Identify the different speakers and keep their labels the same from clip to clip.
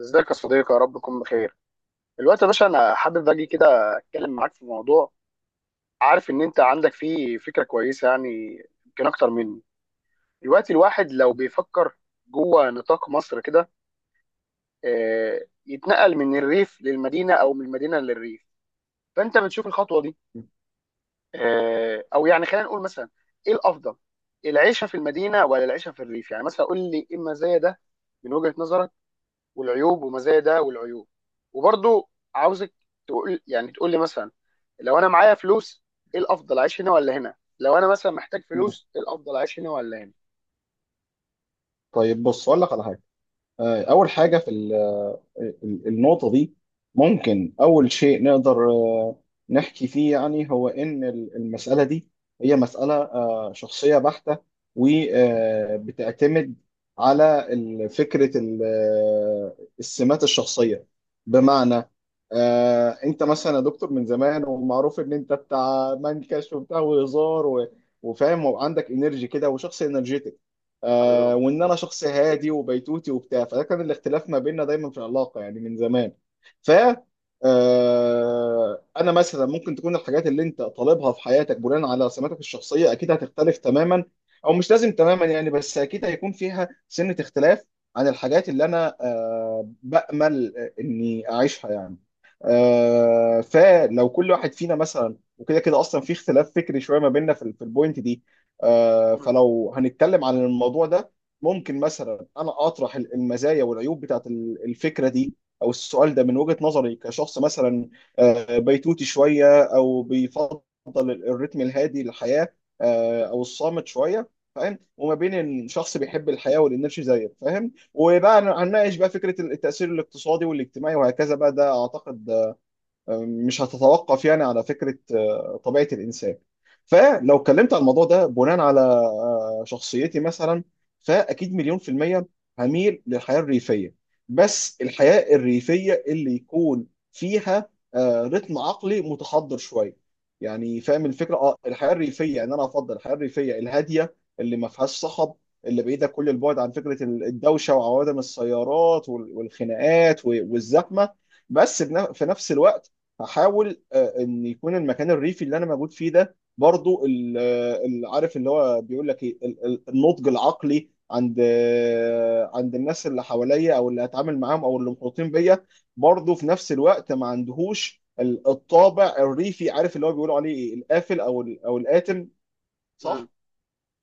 Speaker 1: ازيك يا صديقي؟ يا رب تكون بخير. الوقت يا باشا انا حابب اجي كده اتكلم معاك في موضوع. عارف ان انت عندك فيه فكره كويسه، يعني يمكن اكتر مني. الوقت الواحد لو بيفكر جوه نطاق مصر كده، يتنقل من الريف للمدينه او من المدينه للريف، فانت بتشوف الخطوه دي او يعني خلينا نقول مثلا، ايه الافضل؟ العيشه في المدينه ولا العيشه في الريف؟ يعني مثلا قول لي ايه المزايا ده من وجهه نظرك، والعيوب ومزايا ده والعيوب. وبرضو عاوزك تقول، يعني تقول لي مثلا، لو انا معايا فلوس ايه الافضل اعيش هنا ولا هنا، لو انا مثلا محتاج فلوس ايه الافضل اعيش هنا ولا هنا.
Speaker 2: طيب، بص اقول لك على حاجه. اول حاجه في النقطه دي ممكن اول شيء نقدر نحكي فيه، يعني هو ان المساله دي هي مساله شخصيه بحته، وبتعتمد على فكره السمات الشخصيه. بمعنى، انت مثلا يا دكتور من زمان ومعروف ان انت بتاع منكش وبتاع وهزار وفاهم وعندك انرجي كده وشخص انرجيتك،
Speaker 1: حبيبي ربنا
Speaker 2: وان
Speaker 1: حبيبي.
Speaker 2: انا شخص هادي وبيتوتي وبتاع، فده كان الاختلاف ما بيننا دايما في العلاقه، يعني من زمان. ف آه انا مثلا ممكن تكون الحاجات اللي انت طالبها في حياتك بناء على سماتك الشخصيه اكيد هتختلف تماما، او مش لازم تماما، يعني، بس اكيد هيكون فيها سنه اختلاف عن الحاجات اللي انا بامل اني اعيشها، يعني. فلو كل واحد فينا مثلا، وكده كده اصلا في اختلاف فكري شويه ما بيننا في البوينت دي،
Speaker 1: مم.
Speaker 2: فلو هنتكلم عن الموضوع ده، ممكن مثلا انا اطرح المزايا والعيوب بتاعت الفكره دي، او السؤال ده من وجهه نظري كشخص مثلا بيتوتي شويه، او بيفضل الريتم الهادي للحياه، او الصامت شويه، فاهم، وما بين إن شخص بيحب الحياه والانرجي زيك، فاهم. وبقى هنناقش بقى فكره التاثير الاقتصادي والاجتماعي وهكذا بقى، ده اعتقد مش هتتوقف، يعني، على فكرة طبيعة الإنسان. فلو اتكلمت على الموضوع ده بناء على شخصيتي مثلا، فأكيد مليون في المية هميل للحياة الريفية، بس الحياة الريفية اللي يكون فيها رتم عقلي متحضر شوية، يعني فاهم الفكرة. اه الحياة الريفية ان انا افضل الحياة الريفية الهادية، اللي ما فيهاش صخب، اللي بعيدة كل البعد عن فكرة الدوشة وعوادم السيارات والخناقات والزحمة. بس في نفس الوقت هحاول ان يكون المكان الريفي اللي انا موجود فيه ده برضو عارف اللي هو بيقول لك ايه، النضج العقلي عند عند الناس اللي حواليا او اللي هتعامل معاهم او اللي محيطين بيا، برضو في نفس الوقت ما عندهوش الطابع الريفي، عارف اللي هو بيقولوا عليه ايه، القافل او الآتم.
Speaker 1: مم.
Speaker 2: صح؟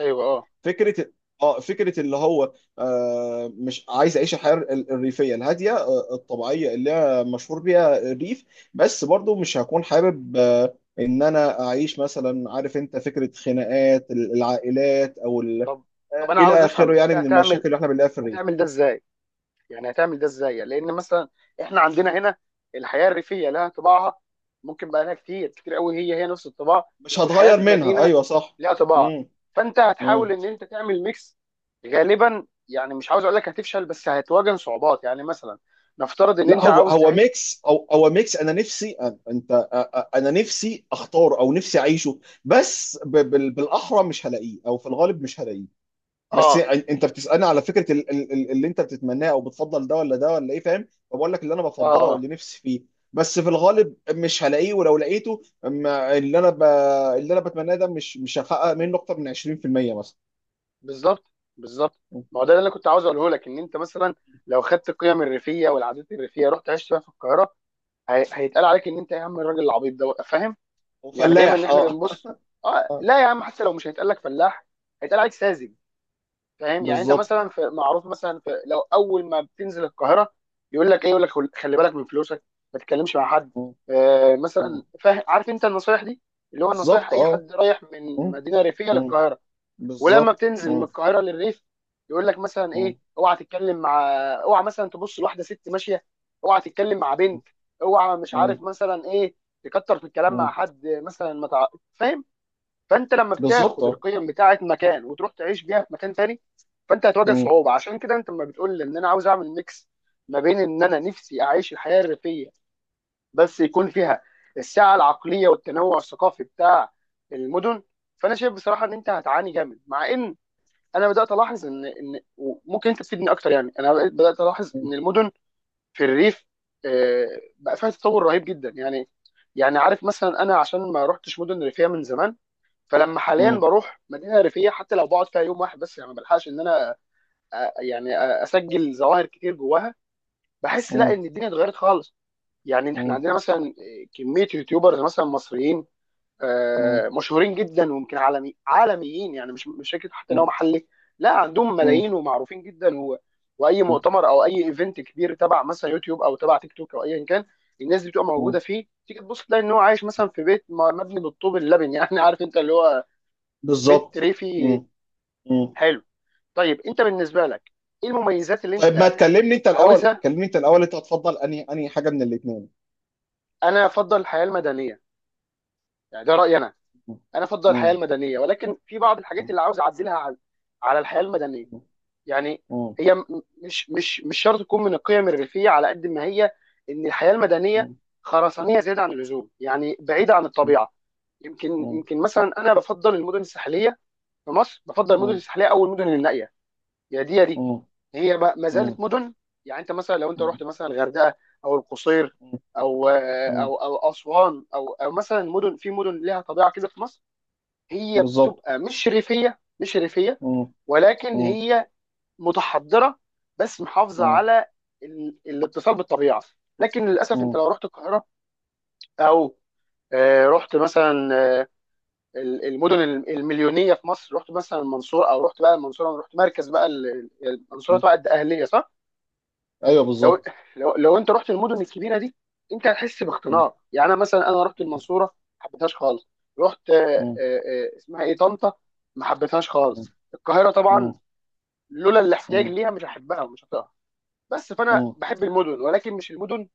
Speaker 1: ايوه، اه.
Speaker 2: فكره اه فكره اللي هو مش عايز اعيش الحياه الريفيه الهاديه الطبيعيه اللي هي مشهور بيها الريف، بس برضو مش هكون حابب ان انا اعيش، مثلا عارف انت فكره خناقات العائلات او ال-
Speaker 1: طب طب
Speaker 2: آه،
Speaker 1: انا عاوز
Speaker 2: الى
Speaker 1: افهم،
Speaker 2: اخره،
Speaker 1: انت
Speaker 2: يعني، من
Speaker 1: هتعمل
Speaker 2: المشاكل اللي احنا بنلاقيها في الريف.
Speaker 1: ده ازاي؟ يعني هتعمل ده ازاي؟ يعني لان مثلا احنا عندنا هنا الحياه الريفيه لها طباعها، ممكن بقى لها كتير كتير قوي هي نفس الطباع،
Speaker 2: مش
Speaker 1: والحياه
Speaker 2: هتغير
Speaker 1: في
Speaker 2: منها،
Speaker 1: المدينه
Speaker 2: ايوه صح.
Speaker 1: لها طباع، فانت
Speaker 2: امم
Speaker 1: هتحاول ان انت تعمل ميكس. غالبا يعني مش عاوز اقول لك هتفشل، بس هتواجه صعوبات، يعني مثلا نفترض ان
Speaker 2: لا،
Speaker 1: انت
Speaker 2: هو
Speaker 1: عاوز
Speaker 2: هو
Speaker 1: تعيش.
Speaker 2: ميكس، او هو ميكس انا نفسي انا نفسي اختاره، او نفسي اعيشه، بس بالاحرى مش هلاقيه، او في الغالب مش هلاقيه. بس
Speaker 1: اه،
Speaker 2: انت بتسالني على فكره اللي انت بتتمناه او بتفضل ده ولا ده ولا ايه؟ فاهم، فبقول لك اللي انا
Speaker 1: اه،
Speaker 2: بفضله
Speaker 1: اه،
Speaker 2: واللي نفسي فيه. بس في الغالب مش هلاقيه، ولو لقيته اللي انا بتمناه ده مش هحقق منه اكتر من 20% مثلا.
Speaker 1: بالظبط، بالظبط. ما هو ده اللي انا كنت عاوز اقوله لك، ان انت مثلا لو خدت القيم الريفيه والعادات الريفيه رحت عشت فيها في القاهره، هيتقال عليك ان انت يا عم الراجل العبيط ده، فاهم؟ يعني دايما ان
Speaker 2: وفلاح،
Speaker 1: احنا
Speaker 2: اه.
Speaker 1: بنبص، اه
Speaker 2: آه،
Speaker 1: لا يا عم حتى لو مش هيتقال لك فلاح هيتقال عليك ساذج. فاهم؟ يعني انت مثلا،
Speaker 2: بالظبط.
Speaker 1: في معروف مثلا، في لو اول ما بتنزل القاهره يقول لك ايه، يقول لك خلي بالك من فلوسك، ما تتكلمش مع حد،
Speaker 2: م-
Speaker 1: مثلا،
Speaker 2: م.
Speaker 1: فاهم؟ عارف انت النصايح دي، اللي هو النصايح
Speaker 2: بالظبط،
Speaker 1: اي
Speaker 2: اه.
Speaker 1: حد رايح من
Speaker 2: م-
Speaker 1: مدينه ريفيه
Speaker 2: م.
Speaker 1: للقاهره. ولما
Speaker 2: بالظبط.
Speaker 1: بتنزل من
Speaker 2: مم.
Speaker 1: القاهره للريف يقول لك مثلا
Speaker 2: مم.
Speaker 1: ايه، اوعى تتكلم مع، اوعى مثلا تبص لواحده ست ماشيه، اوعى تتكلم مع
Speaker 2: مم.
Speaker 1: بنت، اوعى مش عارف
Speaker 2: مم.
Speaker 1: مثلا ايه، تكتر في الكلام مع
Speaker 2: مم.
Speaker 1: حد، مثلا ما تع... فاهم؟ فانت لما
Speaker 2: بالظبط،
Speaker 1: بتاخد
Speaker 2: اه.
Speaker 1: القيم بتاعه مكان وتروح تعيش بيها في مكان تاني، فانت هتواجه
Speaker 2: مم.
Speaker 1: صعوبه. عشان كده انت لما بتقول لي ان انا عاوز اعمل ميكس ما بين ان انا نفسي اعيش الحياه الريفيه بس يكون فيها السعه العقليه والتنوع الثقافي بتاع المدن، فانا شايف بصراحه ان انت هتعاني جامد. مع ان انا بدات الاحظ ان ممكن انت تفيدني اكتر، يعني انا بدات الاحظ ان المدن في الريف آه، بقى فيها تطور رهيب جدا. يعني يعني عارف مثلا، انا عشان ما رحتش مدن ريفيه من زمان، فلما حاليا
Speaker 2: مم.
Speaker 1: بروح مدينه ريفيه حتى لو بقعد فيها يوم واحد بس، يعني ما بلحقش ان انا يعني اسجل ظواهر كتير جواها. بحس لا
Speaker 2: مم.
Speaker 1: ان الدنيا اتغيرت خالص. يعني احنا
Speaker 2: مم.
Speaker 1: عندنا مثلا كميه يوتيوبرز مثلا مصريين
Speaker 2: مم.
Speaker 1: مشهورين جدا، ويمكن عالميين، يعني مش فكره حتى ان
Speaker 2: مم.
Speaker 1: هو محلي، لا عندهم
Speaker 2: مم.
Speaker 1: ملايين ومعروفين جدا، واي
Speaker 2: مم.
Speaker 1: مؤتمر او اي ايفنت كبير تبع مثلا يوتيوب او تبع تيك توك او ايا كان الناس دي بتبقى موجوده
Speaker 2: مم.
Speaker 1: فيه. تيجي تبص تلاقي ان هو عايش مثلا في بيت مبني بالطوب اللبن يعني عارف انت اللي هو بيت
Speaker 2: بالظبط.
Speaker 1: ريفي.
Speaker 2: مم. مم.
Speaker 1: حلو. طيب انت بالنسبه لك ايه المميزات اللي
Speaker 2: طيب، ما
Speaker 1: انت
Speaker 2: تكلمني انت الاول،
Speaker 1: عاوزها؟
Speaker 2: كلمني انت الاول، انت هتفضل انهي حاجه من الاثنين؟
Speaker 1: انا افضل الحياه المدنيه، يعني ده رايي انا. انا افضل الحياه المدنيه ولكن في بعض الحاجات اللي عاوز اعدلها على الحياه المدنيه. يعني هي مش شرط تكون من القيم الريفيه على قد ما هي ان الحياه المدنيه خرسانيه زياده عن اللزوم، يعني بعيده عن الطبيعه. يمكن مثلا انا بفضل المدن الساحليه، في مصر بفضل المدن الساحليه او المدن النائيه، يا دي يا دي هي ما زالت مدن. يعني انت مثلا لو انت رحت مثلا الغردقه او القصير او اسوان او مثلا مدن، في مدن لها طبيعه كده في مصر، هي
Speaker 2: بالظبط.
Speaker 1: بتبقى مش ريفيه مش ريفيه،
Speaker 2: مم.
Speaker 1: ولكن
Speaker 2: مم.
Speaker 1: هي متحضره بس محافظه على الاتصال بالطبيعه. لكن للاسف انت
Speaker 2: مم.
Speaker 1: لو رحت القاهره او رحت مثلا، آه، المدن المليونيه في مصر، رحت مثلا المنصوره، او رحت بقى المنصوره رحت مركز بقى المنصوره
Speaker 2: مم.
Speaker 1: تبع الاهليه، صح؟
Speaker 2: ايوه،
Speaker 1: لو
Speaker 2: بالظبط.
Speaker 1: انت رحت المدن الكبيره دي انت هتحس
Speaker 2: مم.
Speaker 1: باختناق. يعني انا مثلا انا رحت المنصوره ما حبيتهاش خالص. رحت
Speaker 2: مم.
Speaker 1: اسمها ايه، طنطا، ما حبيتهاش خالص. القاهره طبعا
Speaker 2: مم.
Speaker 1: لولا الاحتياج
Speaker 2: مم.
Speaker 1: ليها مش هحبها ومش هطيقها. بس فانا
Speaker 2: مم.
Speaker 1: بحب المدن، ولكن مش المدن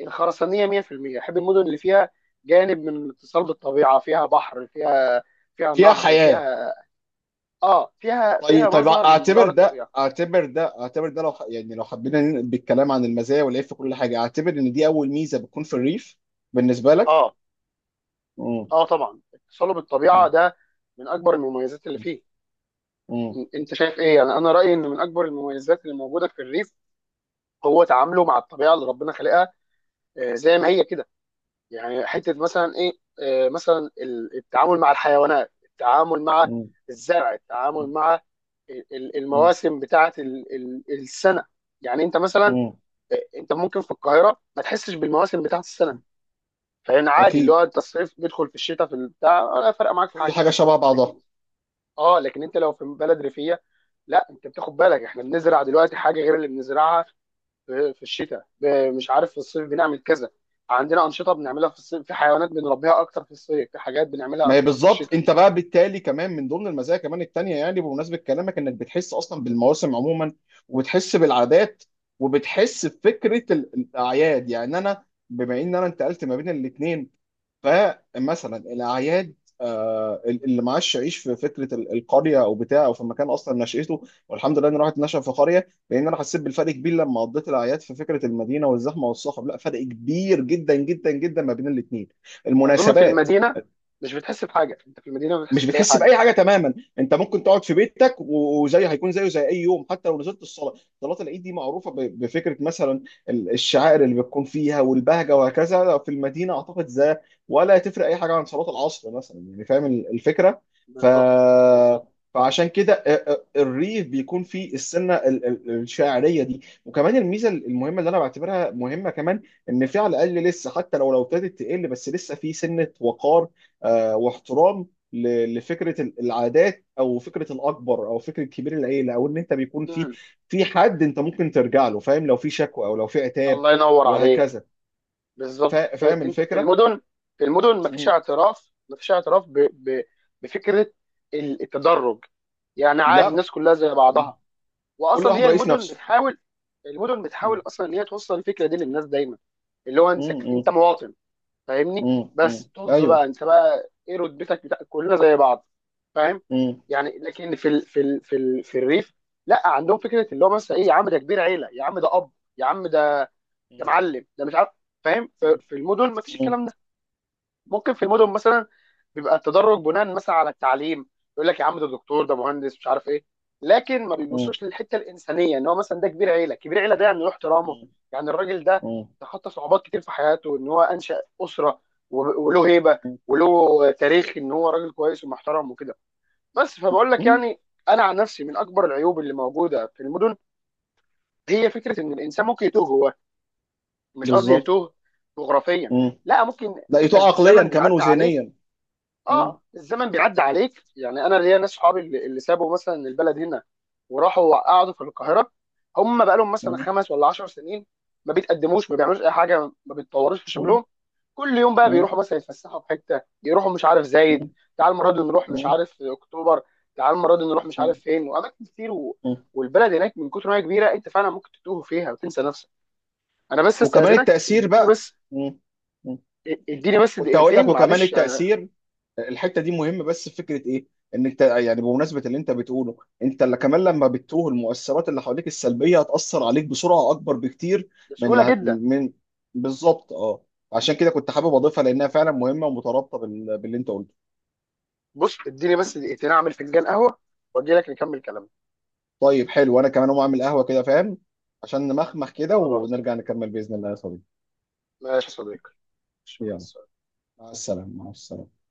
Speaker 1: الخرسانيه 100%. بحب المدن اللي فيها جانب من الاتصال بالطبيعه، فيها بحر، فيها
Speaker 2: فيها
Speaker 1: نهر،
Speaker 2: حياة.
Speaker 1: فيها، اه، فيها،
Speaker 2: طيب، طيب،
Speaker 1: مظهر من
Speaker 2: اعتبر
Speaker 1: مظاهر
Speaker 2: ده
Speaker 1: الطبيعه.
Speaker 2: اعتبر ده اعتبر ده، لو يعني لو حبينا ننقل بالكلام عن المزايا والعيب في كل حاجة، اعتبر ان دي اول ميزة بتكون في الريف بالنسبة لك.
Speaker 1: اه،
Speaker 2: مم.
Speaker 1: اه، طبعا اتصاله بالطبيعه
Speaker 2: مم.
Speaker 1: ده من اكبر المميزات اللي فيه.
Speaker 2: مم.
Speaker 1: انت شايف ايه؟ يعني انا رايي ان من اكبر المميزات اللي موجوده في الريف هو تعامله مع الطبيعه اللي ربنا خلقها زي ما هي كده. يعني حته مثلا ايه، مثلا التعامل مع الحيوانات، التعامل مع
Speaker 2: مم.
Speaker 1: الزرع، التعامل مع
Speaker 2: مم.
Speaker 1: المواسم بتاعت السنه. يعني انت مثلا
Speaker 2: مم.
Speaker 1: انت ممكن في القاهره ما تحسش بالمواسم بتاعت السنه. فان عادي اللي
Speaker 2: اكيد،
Speaker 1: هو انت الصيف بيدخل في الشتاء في البتاع ولا فارقه معاك في
Speaker 2: كل
Speaker 1: حاجه.
Speaker 2: حاجه شبه بعضها.
Speaker 1: لكن اه، لكن انت لو في بلد ريفيه، لا انت بتاخد بالك، احنا بنزرع دلوقتي حاجه غير اللي بنزرعها في الشتاء، مش عارف، في الصيف بنعمل كذا، عندنا انشطه بنعملها في الصيف، في حيوانات بنربيها اكتر في الصيف، في حاجات بنعملها
Speaker 2: ما هي
Speaker 1: اكتر في
Speaker 2: بالظبط،
Speaker 1: الشتاء.
Speaker 2: انت بقى بالتالي كمان من ضمن المزايا كمان التانية، يعني بمناسبة كلامك انك بتحس اصلا بالمواسم عموما، وبتحس بالعادات، وبتحس بفكرة الاعياد. يعني انا بما ان انا انتقلت ما بين الاثنين، فمثلا الاعياد اللي معاش يعيش في فكره القريه، او بتاع، او في مكان اصلا نشأته، والحمد لله اني راحت نشأ في قريه، لان انا حسيت بالفرق كبير لما قضيت الاعياد في فكره المدينه والزحمه والصخب. لا، فرق كبير جدا جدا جدا ما بين الاثنين،
Speaker 1: اظن في
Speaker 2: المناسبات.
Speaker 1: المدينه مش بتحس بحاجه، انت في المدينه ما
Speaker 2: مش
Speaker 1: بتحسش باي
Speaker 2: بتحس
Speaker 1: حاجه.
Speaker 2: باي حاجه تماما. انت ممكن تقعد في بيتك وزي، هيكون زيه زي اي يوم، حتى لو نزلت الصلاه. صلاه العيد دي معروفه بفكره، مثلا، الشعائر اللي بتكون فيها والبهجه وهكذا. في المدينه اعتقد زي، ولا تفرق اي حاجه عن صلاه العصر مثلا، يعني فاهم الفكره. ف
Speaker 1: بالظبط، بالظبط.
Speaker 2: فعشان كده الريف بيكون فيه السنه الشاعريه دي، وكمان الميزه المهمه اللي انا بعتبرها مهمه كمان، ان في على الاقل لسه، حتى لو ابتدت تقل، بس لسه في سنه وقار، واحترام لفكره العادات، او فكره الاكبر، او فكره كبير العيله، او ان انت بيكون في
Speaker 1: مم.
Speaker 2: حد انت ممكن ترجع له، فاهم، لو في شكوى او لو في عتاب
Speaker 1: الله ينور عليك.
Speaker 2: وهكذا،
Speaker 1: بالظبط.
Speaker 2: فاهم
Speaker 1: انت في
Speaker 2: الفكره؟
Speaker 1: المدن، في المدن مفيش
Speaker 2: مم.
Speaker 1: اعتراف، مفيش اعتراف بفكره التدرج. يعني عادي
Speaker 2: لا.
Speaker 1: الناس كلها زي
Speaker 2: مم.
Speaker 1: بعضها.
Speaker 2: كل
Speaker 1: واصلا
Speaker 2: واحد
Speaker 1: هي
Speaker 2: رئيس
Speaker 1: المدن
Speaker 2: نفسه.
Speaker 1: بتحاول، المدن
Speaker 2: مم.
Speaker 1: بتحاول اصلا ان هي توصل الفكره دي للناس دايما، اللي هو انت
Speaker 2: مم.
Speaker 1: مواطن فاهمني،
Speaker 2: مم. مم.
Speaker 1: بس طز بقى،
Speaker 2: ايوه.
Speaker 1: انت بقى ايه رتبتك بتاع، كلنا زي بعض. فاهم؟
Speaker 2: مم.
Speaker 1: يعني لكن في في الريف لا عندهم فكره، اللي هو مثلا ايه، يا عم ده كبير عيله، يا عم ده اب، يا عم ده، ده
Speaker 2: مم.
Speaker 1: معلم، ده مش عارف. فاهم؟ في المدن ما فيش
Speaker 2: مم.
Speaker 1: الكلام ده. ممكن في المدن مثلا بيبقى التدرج بناء مثلا على التعليم، يقول لك يا عم ده دكتور، ده مهندس، مش عارف ايه. لكن ما
Speaker 2: مم.
Speaker 1: بيبصوش للحته الانسانيه ان هو مثلا ده كبير عيله، كبير عيله ده يعني له احترامه. يعني الراجل ده
Speaker 2: مم.
Speaker 1: تخطى صعوبات كتير في حياته، ان هو انشا اسره، وله هيبه وله تاريخ ان هو راجل كويس ومحترم وكده. بس فبقول لك
Speaker 2: مم.
Speaker 1: يعني، انا عن نفسي، من اكبر العيوب اللي موجوده في المدن هي فكره ان الانسان ممكن يتوه. هو مش قصدي
Speaker 2: بالظبط.
Speaker 1: تهت جغرافيا،
Speaker 2: مم.
Speaker 1: لا ممكن انت
Speaker 2: لقيته عقليا
Speaker 1: الزمن
Speaker 2: كمان
Speaker 1: بيعدي عليك.
Speaker 2: وذهنيا. مم.
Speaker 1: اه، الزمن بيعدي عليك. يعني انا ليا ناس صحابي اللي سابوا مثلا البلد هنا وراحوا قعدوا في القاهره، هم بقى لهم مثلا
Speaker 2: مم.
Speaker 1: 5 ولا 10 سنين، ما بيتقدموش ما بيعملوش اي حاجه ما بيتطوروش في
Speaker 2: مم.
Speaker 1: شغلهم. كل يوم بقى
Speaker 2: مم.
Speaker 1: بيروحوا مثلا يتفسحوا في حته، يروحوا مش عارف زايد، تعال المره دي نروح مش
Speaker 2: مم.
Speaker 1: عارف اكتوبر، تعال المره دي نروح مش عارف
Speaker 2: مم.
Speaker 1: فين، واماكن كتير،
Speaker 2: مم.
Speaker 1: والبلد هناك من كتر ما هي كبيره انت فعلا ممكن تتوه فيها وتنسى نفسك. انا بس
Speaker 2: وكمان
Speaker 1: استاذنك،
Speaker 2: التأثير
Speaker 1: اديني
Speaker 2: بقى.
Speaker 1: بس،
Speaker 2: مم. مم.
Speaker 1: اديني بس
Speaker 2: كنت هقول لك
Speaker 1: دقيقتين
Speaker 2: وكمان
Speaker 1: معلش.
Speaker 2: التأثير، الحته دي مهمه، بس في فكره ايه، ان انت، يعني، بمناسبه اللي انت بتقوله، انت اللي كمان لما بتتوه، المؤثرات اللي حواليك السلبيه هتاثر عليك بسرعه اكبر بكتير من
Speaker 1: بسهوله جدا.
Speaker 2: بالظبط، اه. عشان كده كنت حابب اضيفها، لانها فعلا مهمه ومترابطه باللي انت قلته.
Speaker 1: بص اديني بس دقيقتين اعمل فنجان قهوه واجي لك نكمل كلامنا.
Speaker 2: طيب، حلو، انا كمان اقوم اعمل قهوه كده، فاهم، عشان نمخمخ كده
Speaker 1: خلاص.
Speaker 2: ونرجع نكمل باذن الله يا صديقي.
Speaker 1: ماشي يا صديقي. ماشي، مع
Speaker 2: يلا،
Speaker 1: السلامة.
Speaker 2: مع السلامه، مع السلامه.